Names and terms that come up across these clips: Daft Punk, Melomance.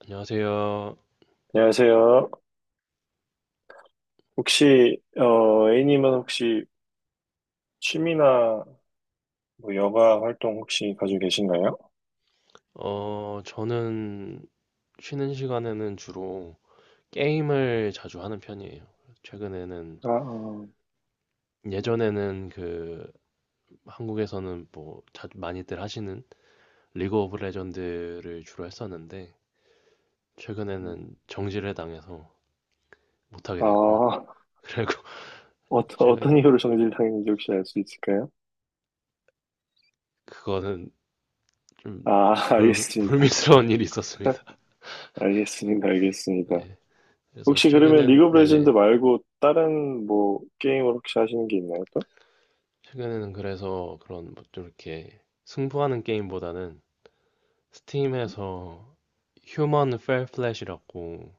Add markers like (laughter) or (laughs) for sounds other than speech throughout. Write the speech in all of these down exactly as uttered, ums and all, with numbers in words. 안녕하세요. 안녕하세요. 혹시, 어, A님은 혹시 취미나 뭐 여가 활동 혹시 가지고 계신가요? 어, 저는 쉬는 시간에는 주로 게임을 자주 하는 편이에요. 최근에는, 아, 어, 예전에는 그, 한국에서는 뭐, 자주 많이들 하시는 리그 오브 레전드를 주로 했었는데, 음. 최근에는 정지를 당해서 못하게 됐고요. 아, 그리고 (laughs) 어떤, 최근에, 어떤 이유로 정지당했는지 혹시 알 수 있을까요? 그거는 좀 아, (laughs) 불, 알겠습니다. 불미스러운 일이 있었습니다. 알겠습니다. 알겠습니다. 네. 그래서 혹시 그러면 최근엔, 리그 오브 레전드 네네. 말고 다른 뭐 게임을 혹시 하시는 게 있나요, 또? 최근에는 그래서 그런 뭐좀 이렇게 승부하는 게임보다는 스팀에서 휴먼 펠 플랫이라고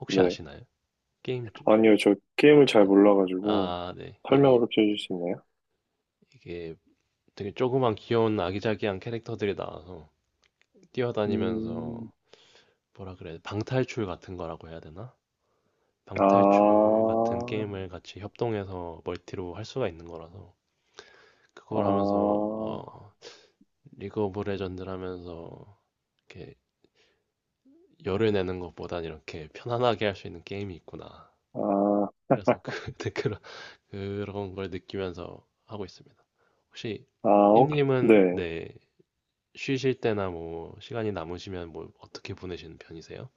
혹시 네. 아시나요? 게임 주 아니요, 저 게임을 잘 네. 몰라가지고 아, 네. 설명을 이게 혹시 해줄 수 있나요? 이게 되게 조그만 귀여운 아기자기한 캐릭터들이 나와서 뛰어다니면서 음, 뭐라 그래? 방탈출 같은 거라고 해야 되나? 아, 방탈출 같은 게임을 같이 협동해서 멀티로 할 수가 있는 거라서 아, 그걸 하면서 어, 리그 오브 레전드를 하면서 이렇게 열을 내는 것보단 이렇게 편안하게 할 수 있는 게임이 있구나. 아, 그래서 그 (laughs) 댓글을 그런 걸 느끼면서 하고 있습니다. 혹시 아, 오케이. 삐님은 네. 네, 쉬실 때나 뭐 시간이 남으시면 뭐 어떻게 보내시는 편이세요?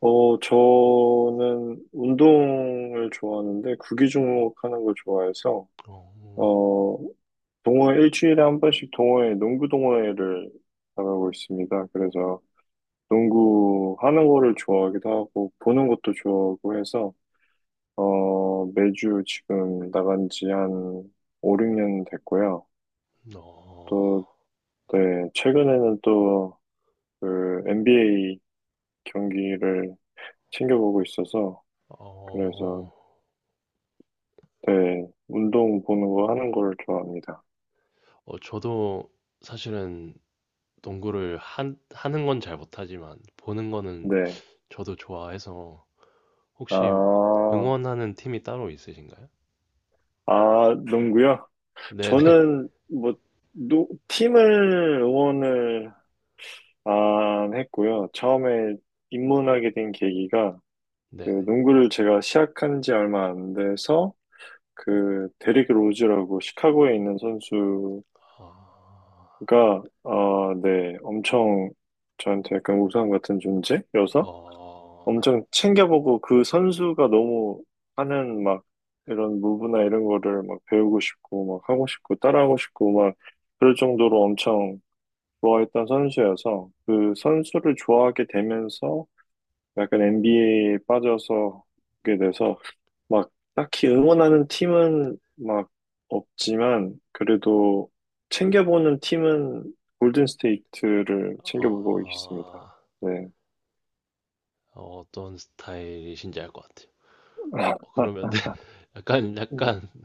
어, 저는 운동을 좋아하는데 구기 종목 하는 걸 좋아해서 어, 어, 동호회 일주일에 한 번씩 동호회, 농구 동호회를 나가고 있습니다. 그래서 농구 하는 거를 좋아하기도 하고 보는 것도 좋아하고 해서 어, 매주 지금 나간 지 한 오, 육 년 됐고요. 음, 또 어, 네, 최근에는 또 그 엔비에이 경기를 챙겨보고 있어서 그래서, 어, 네, 운동 보는 거 하는 걸 좋아합니다. 어, 저도 사실은 농구를 한, 하는 건 잘 못하지만 보는 거는 네. 저도 좋아해서 혹시 아, 응원하는 팀이 따로 있으신가요? 아, 농구요? 네네, 저는 뭐, 노, 팀을 응원을 안 했고요. 처음에 입문하게 된 계기가 그 네네. 농구를 제가 시작한 지 얼마 안 돼서 그 데릭 로즈라고 시카고에 있는 선수가 아, 어, 네, 엄청 저한테 약간 우상 같은 존재여서 어, 네. 엄청 챙겨보고 그 선수가 너무 하는 막 이런 무브나 이런 거를 막 배우고 싶고 막 하고 싶고 따라하고 싶고 막 그럴 정도로 엄청 좋아했던 선수여서 그 선수를 좋아하게 되면서 약간 엔비에이에 빠져서 오게 돼서 막 딱히 응원하는 팀은 막 없지만 그래도 챙겨보는 팀은 골든 스테이트를 아, 챙겨보고 있습니다. 네. 어, 어떤 스타일이신지 알 것 같아요. 어, 그러면 네, (laughs) 약간 약간 (laughs)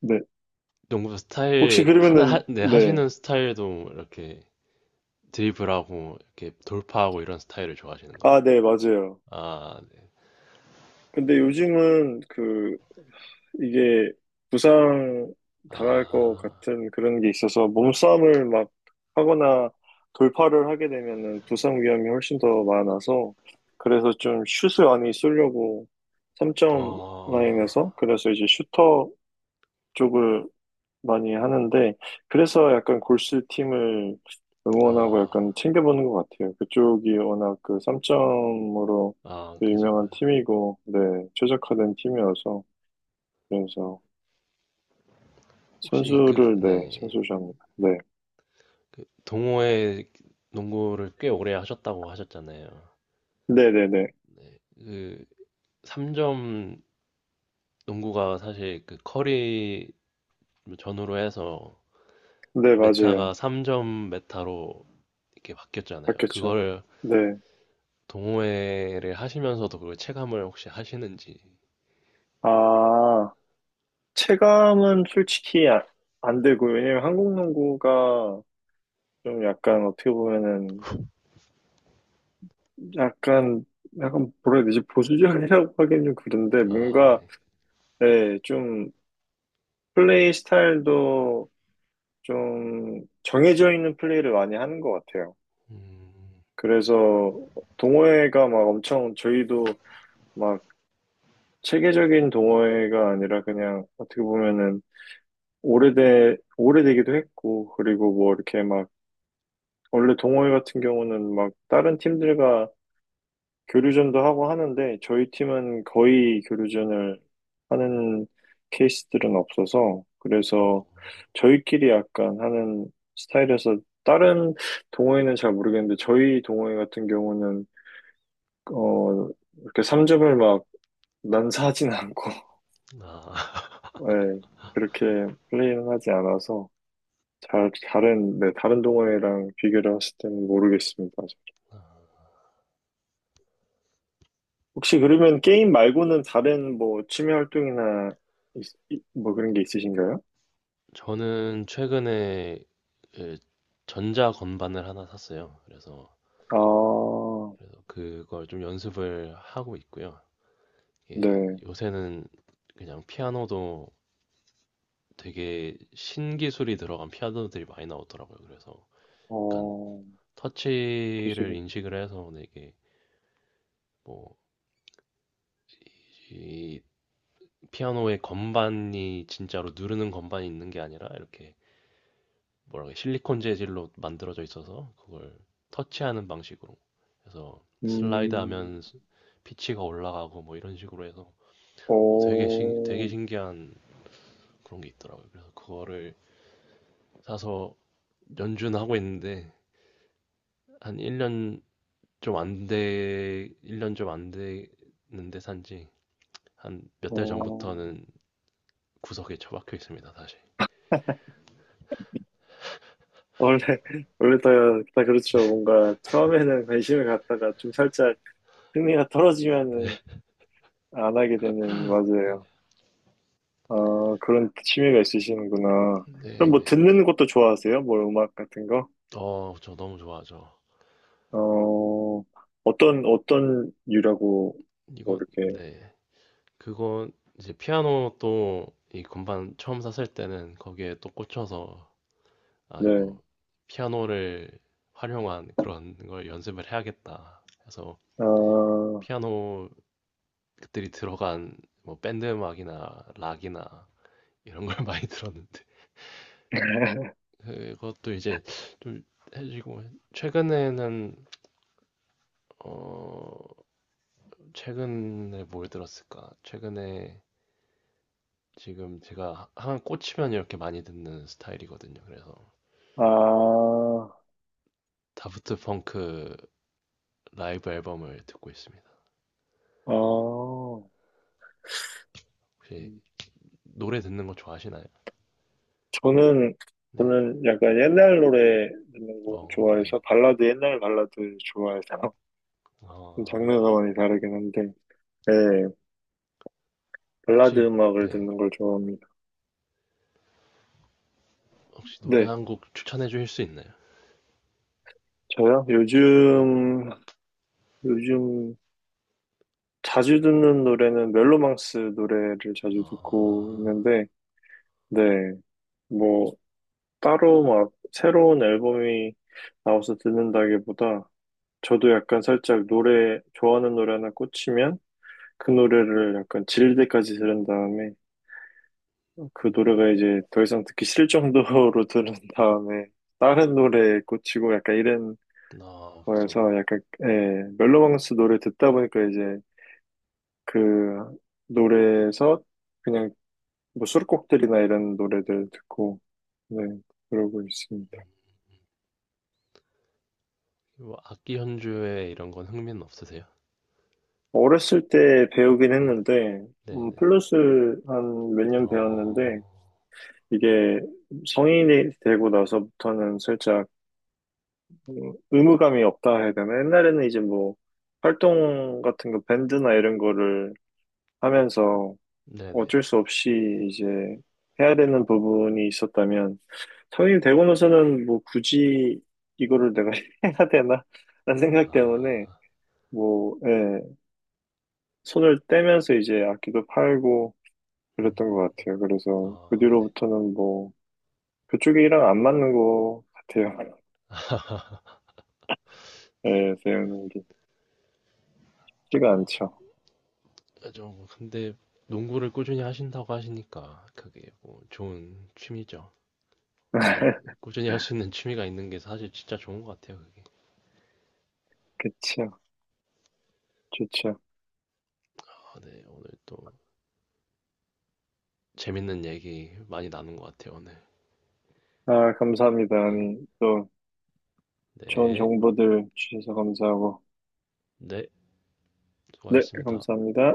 네. 농구 혹시 스타일 하나 그러면은, 하, 네, 네. 하시는 스타일도 이렇게 드리블하고 이렇게 돌파하고 이런 스타일을 좋아하시는 거예요. 아, 네, 맞아요. 아, 네. 근데 요즘은 그, 이게 부상 당할 것 아, 같은 그런 게 있어서 몸싸움을 막 하거나 돌파를 하게 되면은 부상 위험이 훨씬 더 많아서 그래서 좀 슛을 많이 쏘려고 삼 점 어, 라인에서 그래서 이제 슈터 쪽을 많이 하는데, 그래서 약간 골스 팀을 응원하고 아, 약간 챙겨보는 것 같아요. 그쪽이 워낙 그 삼 점으로 아, 그죠. 유명한 그죠. 팀이고, 네, 최적화된 팀이어서, 그래서 혹시 그, 선수를, 네, 네, 선수 좋아합니다. 네. 그 동호회 농구를 꽤 오래 하셨다고 하셨잖아요. 네네네. 그 삼 점 농구가 사실 그 커리 전후로 해서 네, 메타가 맞아요. 삼 점 메타로 이렇게 바뀌었잖아요. 바뀌었죠. 그걸 네. 동호회를 하시면서도 그걸 체감을 혹시 하시는지. 아, 체감은 솔직히 아- 안 되고요. 왜냐면 한국 농구가 좀 약간 어떻게 보면은 약간, 약간, 뭐라 해야 되지? 보수적이라고 (laughs) 하긴 좀 그런데, 아, 뭔가, 네. 예, 좀, 플레이 스타일도 좀 정해져 있는 플레이를 많이 하는 것 같아요. 음, 그래서, 동호회가 막 엄청, 저희도 막 체계적인 동호회가 아니라 그냥, 어떻게 보면은, 오래돼, 오래되기도 했고, 그리고 뭐 이렇게 막, 원래 동호회 같은 경우는 막, 다른 팀들과 교류전도 하고 하는데 저희 팀은 거의 교류전을 하는 케이스들은 없어서 어, 그래서 저희끼리 약간 하는 스타일에서 다른 동호회는 잘 모르겠는데 저희 동호회 같은 경우는 어 이렇게 삼 점을 막 난사하진 않고 아, (laughs) 예, 그렇게 플레이는 하지 않아서 잘 다른 네 다른 동호회랑 비교를 했을 때는 모르겠습니다. 혹시 그러면 게임 말고는 다른 뭐 취미 활동이나 있- 이- 뭐 그런 게 있으신가요? (laughs) 저는 최근에 그 전자 건반을 하나 샀어요. 그래서, 아, 그래서 그걸 좀 연습을 하고 있고요. 이게 네. 요새는 그냥 피아노도 되게 신기술이 들어간 피아노들이 많이 나오더라고요. 그래서 약간 어, 터치를 기술은, 인식을 해서 되게 뭐, 이 피아노의 건반이 진짜로 누르는 건반이 있는 게 아니라 이렇게 뭐라고 해야, 실리콘 재질로 만들어져 있어서 그걸 터치하는 방식으로 그래서 슬라이드 음, 하면 피치가 올라가고 뭐 이런 식으로 해서 어, 되게 신, 되게 어, 신기한 그런 게 있더라고요. 그래서 그거를 사서 연주는 하고 있는데 한 일 년 좀 안 돼, 일 년 좀 안 됐는데 산지 한 몇 달 어, 전부터는 구석에 처박혀 있습니다, 다시. 원래, (laughs) 원래 다, 다 그렇죠. 뭔가 처음에는 관심을 갖다가 좀 살짝 흥미가 떨어지면은 안 하게 되는, 맞아요. 아, 그런 취미가 있으시는구나. 그럼 뭐 네네. 듣는 것도 좋아하세요? 뭐 음악 같은 거? 어, 저 너무 좋아하죠. 어, 어떤, 어떤 유라고, 뭐 이건 이렇게, 네. 그거 이제 피아노 또 이 건반 처음 샀을 때는 거기에 또 꽂혀서 아 네. 이거 피아노를 활용한 그런 걸 연습을 해야겠다. 해서 아, 피아노 그들이 들어간 뭐 밴드 음악이나 락이나 이런 걸 (laughs) 많이 들었는데 (laughs) 그것도 이제 좀 해지고 최근에는 어 최근에 뭘 들었을까? 최근에 지금 제가 한 꽂히면 이렇게 많이 듣는 스타일이거든요. 그래서 아, 다프트 펑크 라이브 앨범을 듣고 있습니다. 아. 혹시 음. 노래 듣는 거 좋아하시나요? 저는, 네. 저는 약간 옛날 노래 듣는 거 어, 네. 좋아해서, 발라드, 옛날 발라드 좋아해서, (laughs) 좀 어, 장르가 많이 다르긴 한데, 네. 발라드 혹시 음악을 네. 듣는 걸 좋아합니다. 혹시 노래 네. 한 곡 추천해 주실 수 있나요? 저요? 네. 요즘, 요즘 자주 듣는 노래는 멜로망스 노래를 아, 자주 듣고 있는데, 네. 뭐, 따로 막 새로운 앨범이 나와서 듣는다기보다 저도 약간 살짝 노래, 좋아하는 노래 하나 꽂히면 그 노래를 약간 질릴 때까지 들은 다음에 그 노래가 이제 더 이상 듣기 싫을 정도로 (laughs) 들은 다음에 다른 노래에 꽂히고 약간 이런 아, 그죠. 거여서 약간, 예, 멜로망스 노래 듣다 보니까 이제 그 노래에서 그냥 뭐 수록곡들이나 이런 노래들 듣고, 네, 그러고 있습니다. 뭐 악기 연주에 이런 건 흥미는 없으세요? 어렸을 때 배우긴 네. 했는데, 네, 음, 네. 플러스 한 몇 년 어, 배웠는데, 이게 성인이 되고 나서부터는 살짝 음, 의무감이 없다 해야 되나? 옛날에는 이제 뭐 활동 같은 거, 밴드나 이런 거를 하면서 네, 네. 어쩔 수 없이 이제 해야 되는 부분이 있었다면, 성인이 되고 나서는 뭐 굳이 이거를 내가 (laughs) 해야 되나? 라는 생각 때문에, 아, 뭐, 예, 손을 떼면서 이제 악기도 팔고, 그랬던 음, 것 같아요. 그래서 그 아, 네. 뒤로부터는 뭐 그쪽이랑 안 맞는 것 같아요. (laughs) 예, 배우는 게 쉽지가 어, 않죠. 좀 근데 농구를 꾸준히 하신다고 하시니까 그게 뭐 좋은 취미죠. 오래 (laughs) 꾸준히 할 수 있는 취미가 있는 게 사실 진짜 좋은 것 같아요. 그게. 그쵸, 좋죠. 아, 네, 오늘 또 재밌는 얘기 많이 나눈 것 같아요, 오늘. 아, 감사합니다. 네, 아니, 또 좋은 네, 정보들 주셔서 감사하고. 네, 네, 수고하셨습니다. 감사합니다.